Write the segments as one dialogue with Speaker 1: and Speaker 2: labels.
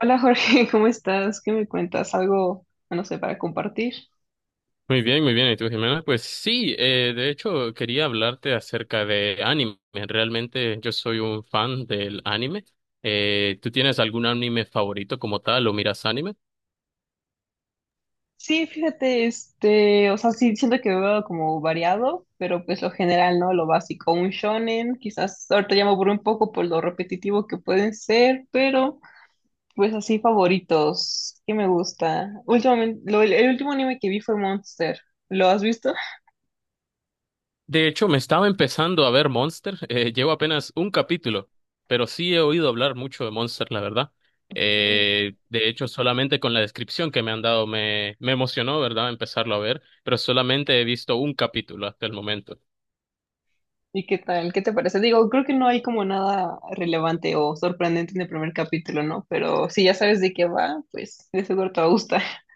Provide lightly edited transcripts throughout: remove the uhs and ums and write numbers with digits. Speaker 1: Hola Jorge, ¿cómo estás? ¿Qué me cuentas? ¿Algo, no sé, para compartir?
Speaker 2: Muy bien, muy bien. ¿Y tú, Jimena? Pues sí, de hecho quería hablarte acerca de anime. Realmente yo soy un fan del anime. ¿Tú tienes algún anime favorito como tal o miras anime?
Speaker 1: Sí, fíjate, este, o sea, sí, siento que veo como variado, pero pues lo general, ¿no? Lo básico, un shonen, quizás ahorita ya me aburro un poco por lo repetitivo que pueden ser, pero pues así favoritos, que me gusta. Últimamente, el último anime que vi fue Monster, ¿lo has visto?
Speaker 2: De hecho, me estaba empezando a ver Monster. Llevo apenas un capítulo, pero sí he oído hablar mucho de Monster, la verdad.
Speaker 1: Ok.
Speaker 2: De hecho, solamente con la descripción que me han dado me emocionó, ¿verdad? Empezarlo a ver, pero solamente he visto un capítulo hasta el momento.
Speaker 1: ¿Y qué tal? ¿Qué te parece? Digo, creo que no hay como nada relevante o sorprendente en el primer capítulo, ¿no? Pero si ya sabes de qué va, pues de seguro te va a gustar.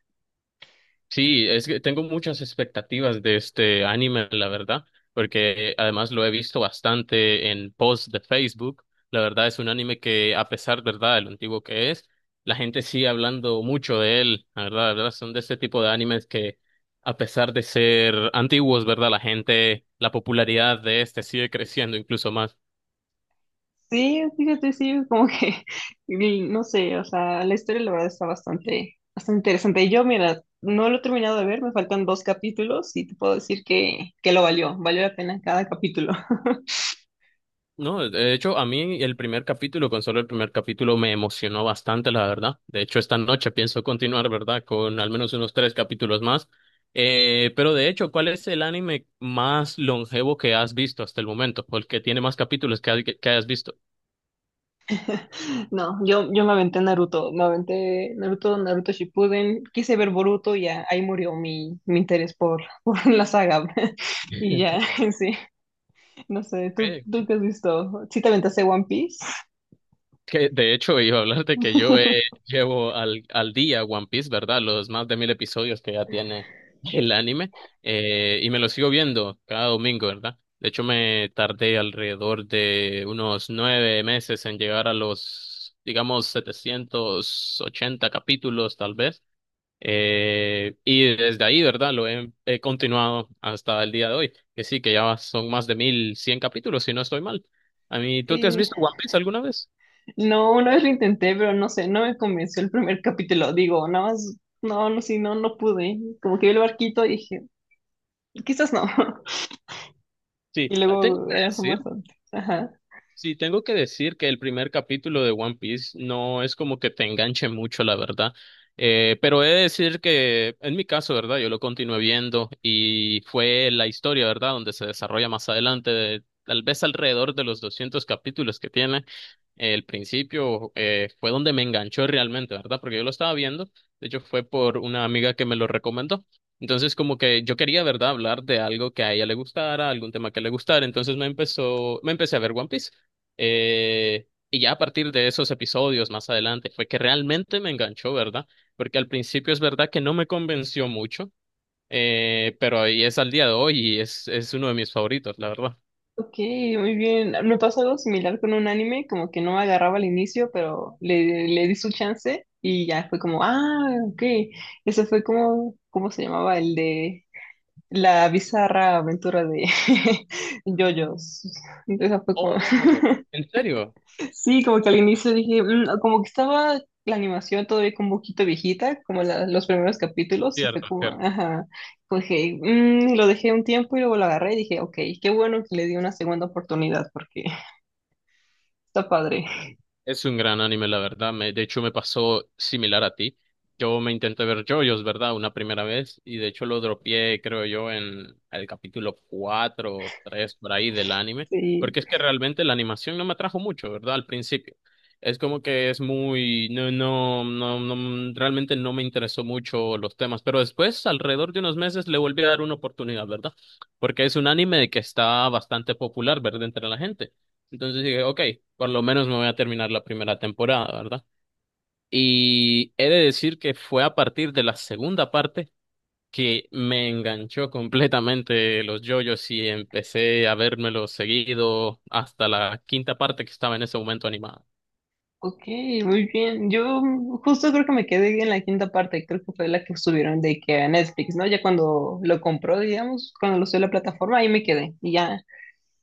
Speaker 2: Sí, es que tengo muchas expectativas de este anime, la verdad, porque además lo he visto bastante en posts de Facebook. La verdad es un anime que, a pesar, ¿verdad?, de lo antiguo que es, la gente sigue hablando mucho de él, la verdad, son de este tipo de animes que, a pesar de ser antiguos, ¿verdad?, la gente, la popularidad de este sigue creciendo incluso más.
Speaker 1: Sí, fíjate, sí, como que, y no sé, o sea, la historia la verdad está bastante, bastante interesante. Yo, mira, no lo he terminado de ver, me faltan dos capítulos y te puedo decir que lo valió, valió la pena cada capítulo.
Speaker 2: No, de hecho, a mí el primer capítulo, con solo el primer capítulo, me emocionó bastante, la verdad. De hecho, esta noche pienso continuar, ¿verdad? Con al menos unos tres capítulos más. Pero de hecho, ¿cuál es el anime más longevo que has visto hasta el momento? ¿O el que tiene más capítulos que hayas visto?
Speaker 1: No, yo me aventé Naruto, Naruto Shippuden, quise ver Boruto y ya ahí murió mi interés por, por la saga. Y ya, sí, no sé,
Speaker 2: Ok.
Speaker 1: ¿tú qué has visto? ¿Sí te aventaste One Piece?
Speaker 2: Que de hecho iba a hablarte que yo llevo al día One Piece, ¿verdad? Los más de mil episodios que ya tiene el anime, y me lo sigo viendo cada domingo, ¿verdad? De hecho me tardé alrededor de unos nueve meses en llegar a los, digamos, 780 capítulos tal vez. Y desde ahí, ¿verdad? He continuado hasta el día de hoy, que sí, que ya son más de mil cien capítulos, si no estoy mal. A mí, ¿tú te has
Speaker 1: Sí,
Speaker 2: visto One Piece alguna vez?
Speaker 1: no, una vez lo intenté, pero no sé, no me convenció el primer capítulo, digo, nada más, no, no, sí, no, no pude, como que vi el barquito y dije, quizás no, y
Speaker 2: Sí, ah, tengo
Speaker 1: luego
Speaker 2: que
Speaker 1: era más
Speaker 2: decir.
Speaker 1: antes.
Speaker 2: Sí, tengo que decir que el primer capítulo de One Piece no es como que te enganche mucho, la verdad. Pero he de decir que en mi caso, ¿verdad? Yo lo continué viendo y fue la historia, ¿verdad? Donde se desarrolla más adelante, tal vez alrededor de los 200 capítulos que tiene. El principio, fue donde me enganchó realmente, ¿verdad? Porque yo lo estaba viendo, de hecho fue por una amiga que me lo recomendó. Entonces, como que yo quería, ¿verdad?, hablar de algo que a ella le gustara, algún tema que le gustara. Entonces me empecé a ver One Piece. Y ya a partir de esos episodios más adelante fue que realmente me enganchó, ¿verdad? Porque al principio es verdad que no me convenció mucho, pero ahí es al día de hoy y es uno de mis favoritos, la verdad.
Speaker 1: Ok, muy bien. Me pasó algo similar con un anime, como que no me agarraba al inicio, pero le di su chance y ya fue como, ah, ok. Ese fue como, ¿cómo se llamaba? El de la bizarra aventura de JoJo's. Esa fue como...
Speaker 2: Oh, ¿en serio?
Speaker 1: Sí, como que al inicio dije, "Mm, no", como que estaba la animación todavía como un poquito viejita, como los primeros capítulos, y fue
Speaker 2: Cierto,
Speaker 1: como,
Speaker 2: cierto.
Speaker 1: ajá, como dije, "Mm", y lo dejé un tiempo y luego lo agarré y dije, ok, qué bueno que le di una segunda oportunidad porque está padre.
Speaker 2: Es un gran anime, la verdad. De hecho, me pasó similar a ti. Yo me intenté ver JoJo's, ¿verdad? Una primera vez. Y de hecho lo dropeé, creo yo, en el capítulo 4 o 3 por ahí del anime.
Speaker 1: Sí,
Speaker 2: Porque es que realmente la animación no me atrajo mucho, ¿verdad? Al principio. Es como que es muy... realmente no me interesó mucho los temas. Pero después, alrededor de unos meses, le volví a dar una oportunidad, ¿verdad? Porque es un anime que está bastante popular, ¿verdad? Entre la gente. Entonces dije, ok, por lo menos me voy a terminar la primera temporada, ¿verdad? Y he de decir que fue a partir de la segunda parte que me enganchó completamente los JoJo's y empecé a vérmelos seguido hasta la quinta parte que estaba en ese momento animada.
Speaker 1: ok, muy bien. Yo justo creo que me quedé en la quinta parte, creo que fue la que subieron de que a Netflix, ¿no? Ya cuando lo compró, digamos, cuando lo subió a la plataforma, ahí me quedé y ya.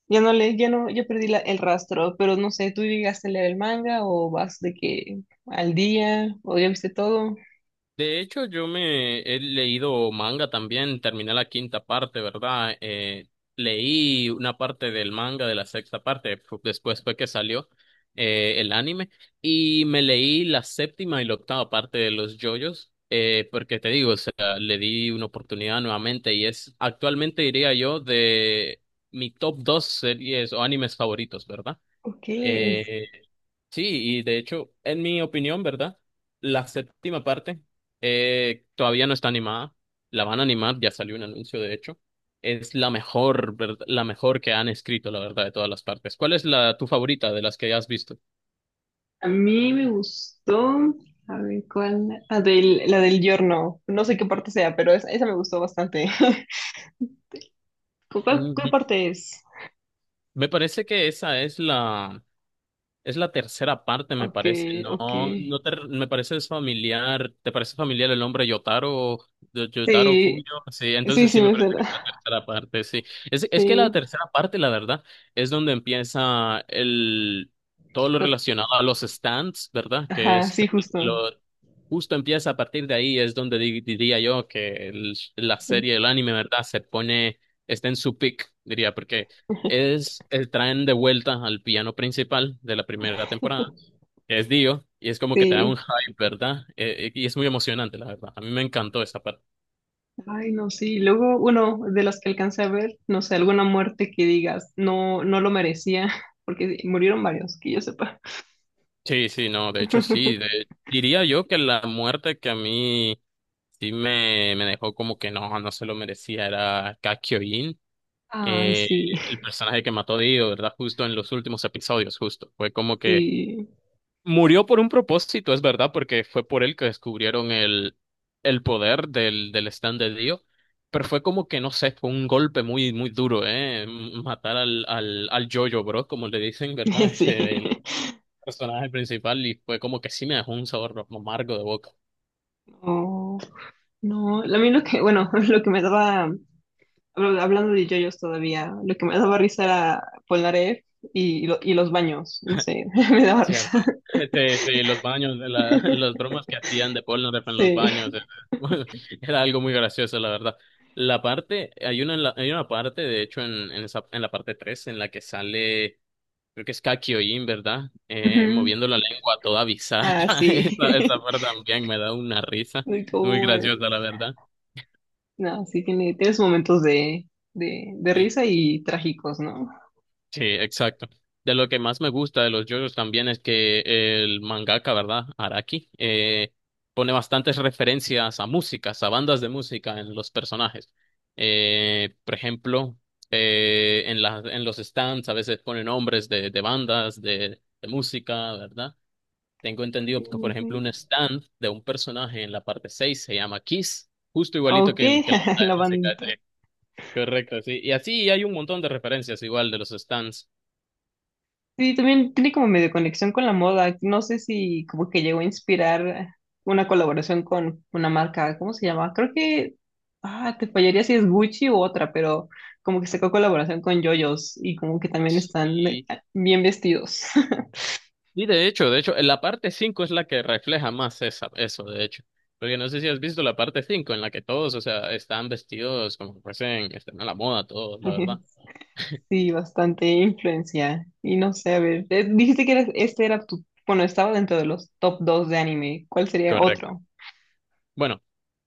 Speaker 1: Ya no le, ya no, yo perdí el rastro, pero no sé, ¿tú llegaste a leer el manga o vas de que al día o ya viste todo?
Speaker 2: De hecho, yo me he leído manga también, terminé la quinta parte, ¿verdad? Leí una parte del manga de la sexta parte, después fue que salió el anime, y me leí la séptima y la octava parte de los JoJo's, porque te digo, o sea, le di una oportunidad nuevamente y es actualmente, diría yo, de mi top dos series o animes favoritos, ¿verdad?
Speaker 1: Ok,
Speaker 2: Eh, Sí, y de hecho, en mi opinión, ¿verdad? La séptima parte, todavía no está animada. La van a animar, ya salió un anuncio, de hecho. Es la mejor, ¿verdad? La mejor que han escrito, la verdad, de todas las partes. ¿Cuál es la tu favorita de las que has visto?
Speaker 1: a mí me gustó, a ver cuál, la del giorno, no sé qué parte sea, pero esa me gustó bastante. Cuál, cuál
Speaker 2: Ujú.
Speaker 1: parte es?
Speaker 2: Me parece que esa es la... Es la tercera parte, me
Speaker 1: Ok,
Speaker 2: parece.
Speaker 1: ok,
Speaker 2: No, no te, me parece familiar. ¿Te parece familiar el nombre Yotaro, de Yotaro Kuyo?
Speaker 1: sí,
Speaker 2: Sí,
Speaker 1: sí,
Speaker 2: entonces sí
Speaker 1: sí
Speaker 2: me
Speaker 1: me
Speaker 2: parece
Speaker 1: suena,
Speaker 2: que es la tercera parte, sí. Es que la
Speaker 1: sí,
Speaker 2: tercera parte, la verdad, es donde empieza el todo lo
Speaker 1: la-
Speaker 2: relacionado a los stands, ¿verdad? Que
Speaker 1: ajá,
Speaker 2: es
Speaker 1: sí,
Speaker 2: lo
Speaker 1: justo,
Speaker 2: justo empieza a partir de ahí, es donde diría yo que la serie, el anime, ¿verdad? Se pone, está en su peak, diría, porque es el traen de vuelta al piano principal de la primera temporada, que es Dio, y es como que te da un
Speaker 1: sí.
Speaker 2: hype, ¿verdad? Y es muy emocionante, la verdad. A mí me encantó esa parte.
Speaker 1: Ay, no, sí. Luego, uno de los que alcancé a ver, no sé, alguna muerte que digas, no, no lo merecía, porque murieron varios, que yo sepa.
Speaker 2: Sí, sí, no, de hecho sí. Diría yo que la muerte que a mí sí me dejó como que no, no se lo merecía era Kakyoin,
Speaker 1: Ay,
Speaker 2: eh,
Speaker 1: sí,
Speaker 2: el personaje que mató a Dio, ¿verdad? Justo en los últimos episodios, justo. Fue como que
Speaker 1: sí,
Speaker 2: murió por un propósito, es verdad, porque fue por él que descubrieron el poder del stand de Dio, pero fue como que, no sé, fue un golpe muy, muy duro, ¿eh? Matar al Jojo, bro, como le dicen, ¿verdad?
Speaker 1: sí.
Speaker 2: El personaje principal, y fue como que sí me dejó un sabor amargo de boca.
Speaker 1: No, no. A mí lo que, bueno, lo que me daba, hablando de yoyos todavía, lo que me daba risa era Polnareff y, y los baños, no sé, me daba
Speaker 2: Cierto.
Speaker 1: risa.
Speaker 2: Sí, sí, los baños, las bromas que hacían de Polnareff en los
Speaker 1: Sí.
Speaker 2: baños, era algo muy gracioso, la verdad. La parte, hay una, hay una parte, de hecho, esa, en la parte 3 en la que sale, creo que es Kakyoin, ¿verdad?
Speaker 1: Ujú.
Speaker 2: Moviendo la lengua toda
Speaker 1: Ah,
Speaker 2: bizarra.
Speaker 1: sí.
Speaker 2: Esa parte también me da una risa. Muy
Speaker 1: Como
Speaker 2: graciosa, la verdad.
Speaker 1: no, sí tiene, tienes momentos de risa y trágicos, ¿no?
Speaker 2: Sí, exacto. De lo que más me gusta de los JoJo's también es que el mangaka, ¿verdad? Araki, pone bastantes referencias a músicas, a bandas de música en los personajes. Por ejemplo, en los stands a veces pone nombres de bandas, de música, ¿verdad? Tengo entendido
Speaker 1: Sí,
Speaker 2: que, por
Speaker 1: sí,
Speaker 2: ejemplo,
Speaker 1: sí.
Speaker 2: un stand de un personaje en la parte 6 se llama Kiss, justo igualito
Speaker 1: Ok,
Speaker 2: que el que la banda de
Speaker 1: la
Speaker 2: música. Sí.
Speaker 1: banda.
Speaker 2: Correcto, sí. Y así hay un montón de referencias igual de los stands.
Speaker 1: Sí, también tiene como medio conexión con la moda. No sé si como que llegó a inspirar una colaboración con una marca, ¿cómo se llama? Creo que, ah, te fallaría si es Gucci u otra, pero como que sacó colaboración con JoJo's y como que también están bien vestidos.
Speaker 2: Y de hecho, en la parte 5 es la que refleja más esa, eso, de hecho. Porque no sé si has visto la parte 5 en la que todos, o sea, están vestidos como que fuesen, están a la moda todos, la verdad.
Speaker 1: Sí, bastante influencia. Y no sé, a ver, dijiste que este era tu, bueno, estaba dentro de los top dos de anime. ¿Cuál sería
Speaker 2: Correcto.
Speaker 1: otro?
Speaker 2: Bueno,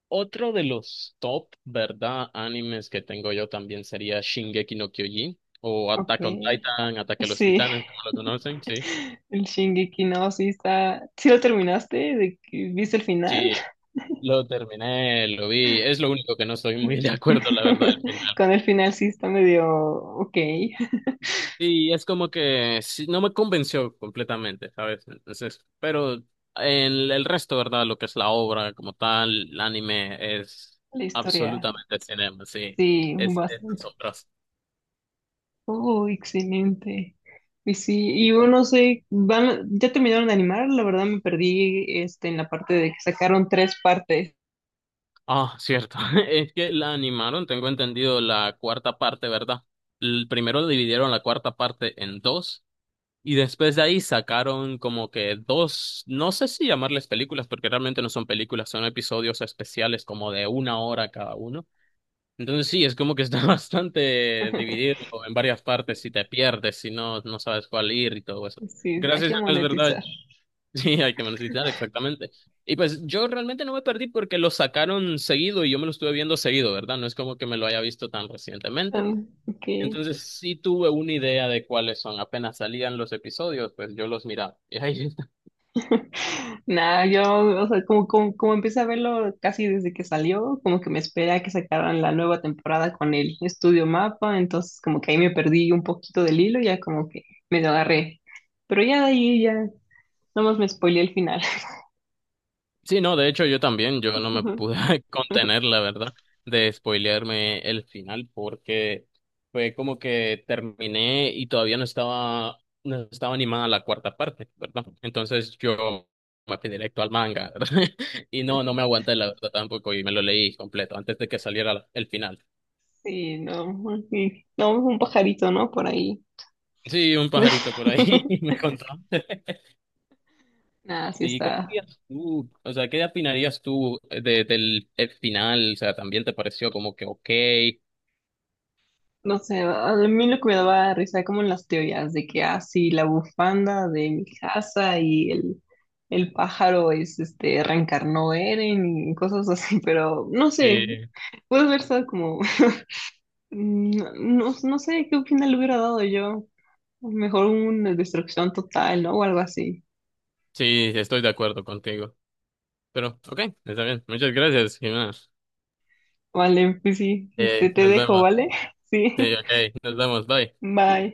Speaker 2: otro de los top, ¿verdad? Animes que tengo yo también sería Shingeki no Kyojin o
Speaker 1: Ok.
Speaker 2: Attack on Titan, Ataque a los
Speaker 1: Sí.
Speaker 2: Titanes, como lo conocen, sí.
Speaker 1: El Shingeki no, sí está. ¿Sí lo terminaste? ¿De que ¿viste el final?
Speaker 2: Sí, lo terminé, lo vi. Es lo único que no estoy muy de acuerdo, la verdad, al final.
Speaker 1: Con el final sí está medio ok.
Speaker 2: Y es como que sí, no me convenció completamente, ¿sabes? Entonces, pero en el resto, ¿verdad? Lo que es la obra como tal, el anime es
Speaker 1: La historia,
Speaker 2: absolutamente cinema, sí.
Speaker 1: sí,
Speaker 2: Es
Speaker 1: bastante.
Speaker 2: asombroso.
Speaker 1: Oh, excelente. Y sí, y
Speaker 2: Sí.
Speaker 1: yo no sé, van, ya terminaron de animar, la verdad me perdí este en la parte de que sacaron tres partes.
Speaker 2: Ah, cierto. Es que la animaron, tengo entendido, la cuarta parte, ¿verdad? El primero dividieron la cuarta parte en dos y después de ahí sacaron como que dos, no sé si llamarles películas, porque realmente no son películas, son episodios especiales como de una hora cada uno. Entonces sí, es como que está bastante dividido en varias partes, si te pierdes, si no, no sabes cuál ir y todo eso.
Speaker 1: Sí, hay
Speaker 2: Gracias a
Speaker 1: que
Speaker 2: Dios, es verdad.
Speaker 1: monetizar.
Speaker 2: Sí, hay que mencionar exactamente. Y pues yo realmente no me perdí porque lo sacaron seguido y yo me lo estuve viendo seguido, ¿verdad? No es como que me lo haya visto tan recientemente.
Speaker 1: Ah, ok.
Speaker 2: Entonces sí tuve una idea de cuáles son. Apenas salían los episodios, pues yo los miraba. Y ahí...
Speaker 1: Nada, yo, o sea, como, como, como empecé a verlo casi desde que salió, como que me esperé a que sacaran la nueva temporada con el estudio Mapa, entonces como que ahí me perdí un poquito del hilo, ya como que me lo agarré. Pero ya de ahí ya, nomás me spoileé el final.
Speaker 2: Sí, no, de hecho yo también, yo no me pude contener, la verdad, de spoilearme el final porque fue como que terminé y todavía no estaba animada la cuarta parte, ¿verdad? Entonces yo me fui directo al manga, ¿verdad? Y no, no me aguanté, la verdad, tampoco y me lo leí completo antes de que saliera el final.
Speaker 1: Sí, no, sí. No, un pajarito, ¿no? Por ahí.
Speaker 2: Sí, un pajarito por ahí me contó.
Speaker 1: Nada, sí
Speaker 2: Sí, ¿cuál
Speaker 1: está.
Speaker 2: dirías tú? O sea, ¿qué opinarías tú de, del el final? O sea, ¿también te pareció como que ok?
Speaker 1: No sé, a mí lo que me daba risa como en las teorías de que, ah, sí, la bufanda de mi casa y el pájaro es, este, reencarnó Eren y cosas así, pero no sé,
Speaker 2: Sí,
Speaker 1: puede haber estado como, no, no, no sé qué final le hubiera dado yo. Mejor una destrucción total, ¿no? O algo así.
Speaker 2: sí, estoy de acuerdo contigo. Pero, ok, está bien. Muchas gracias, Jimena.
Speaker 1: Vale, pues sí, este, te
Speaker 2: Nos
Speaker 1: dejo,
Speaker 2: vemos.
Speaker 1: ¿vale? Sí,
Speaker 2: Sí, ok, nos vemos. Bye.
Speaker 1: bye.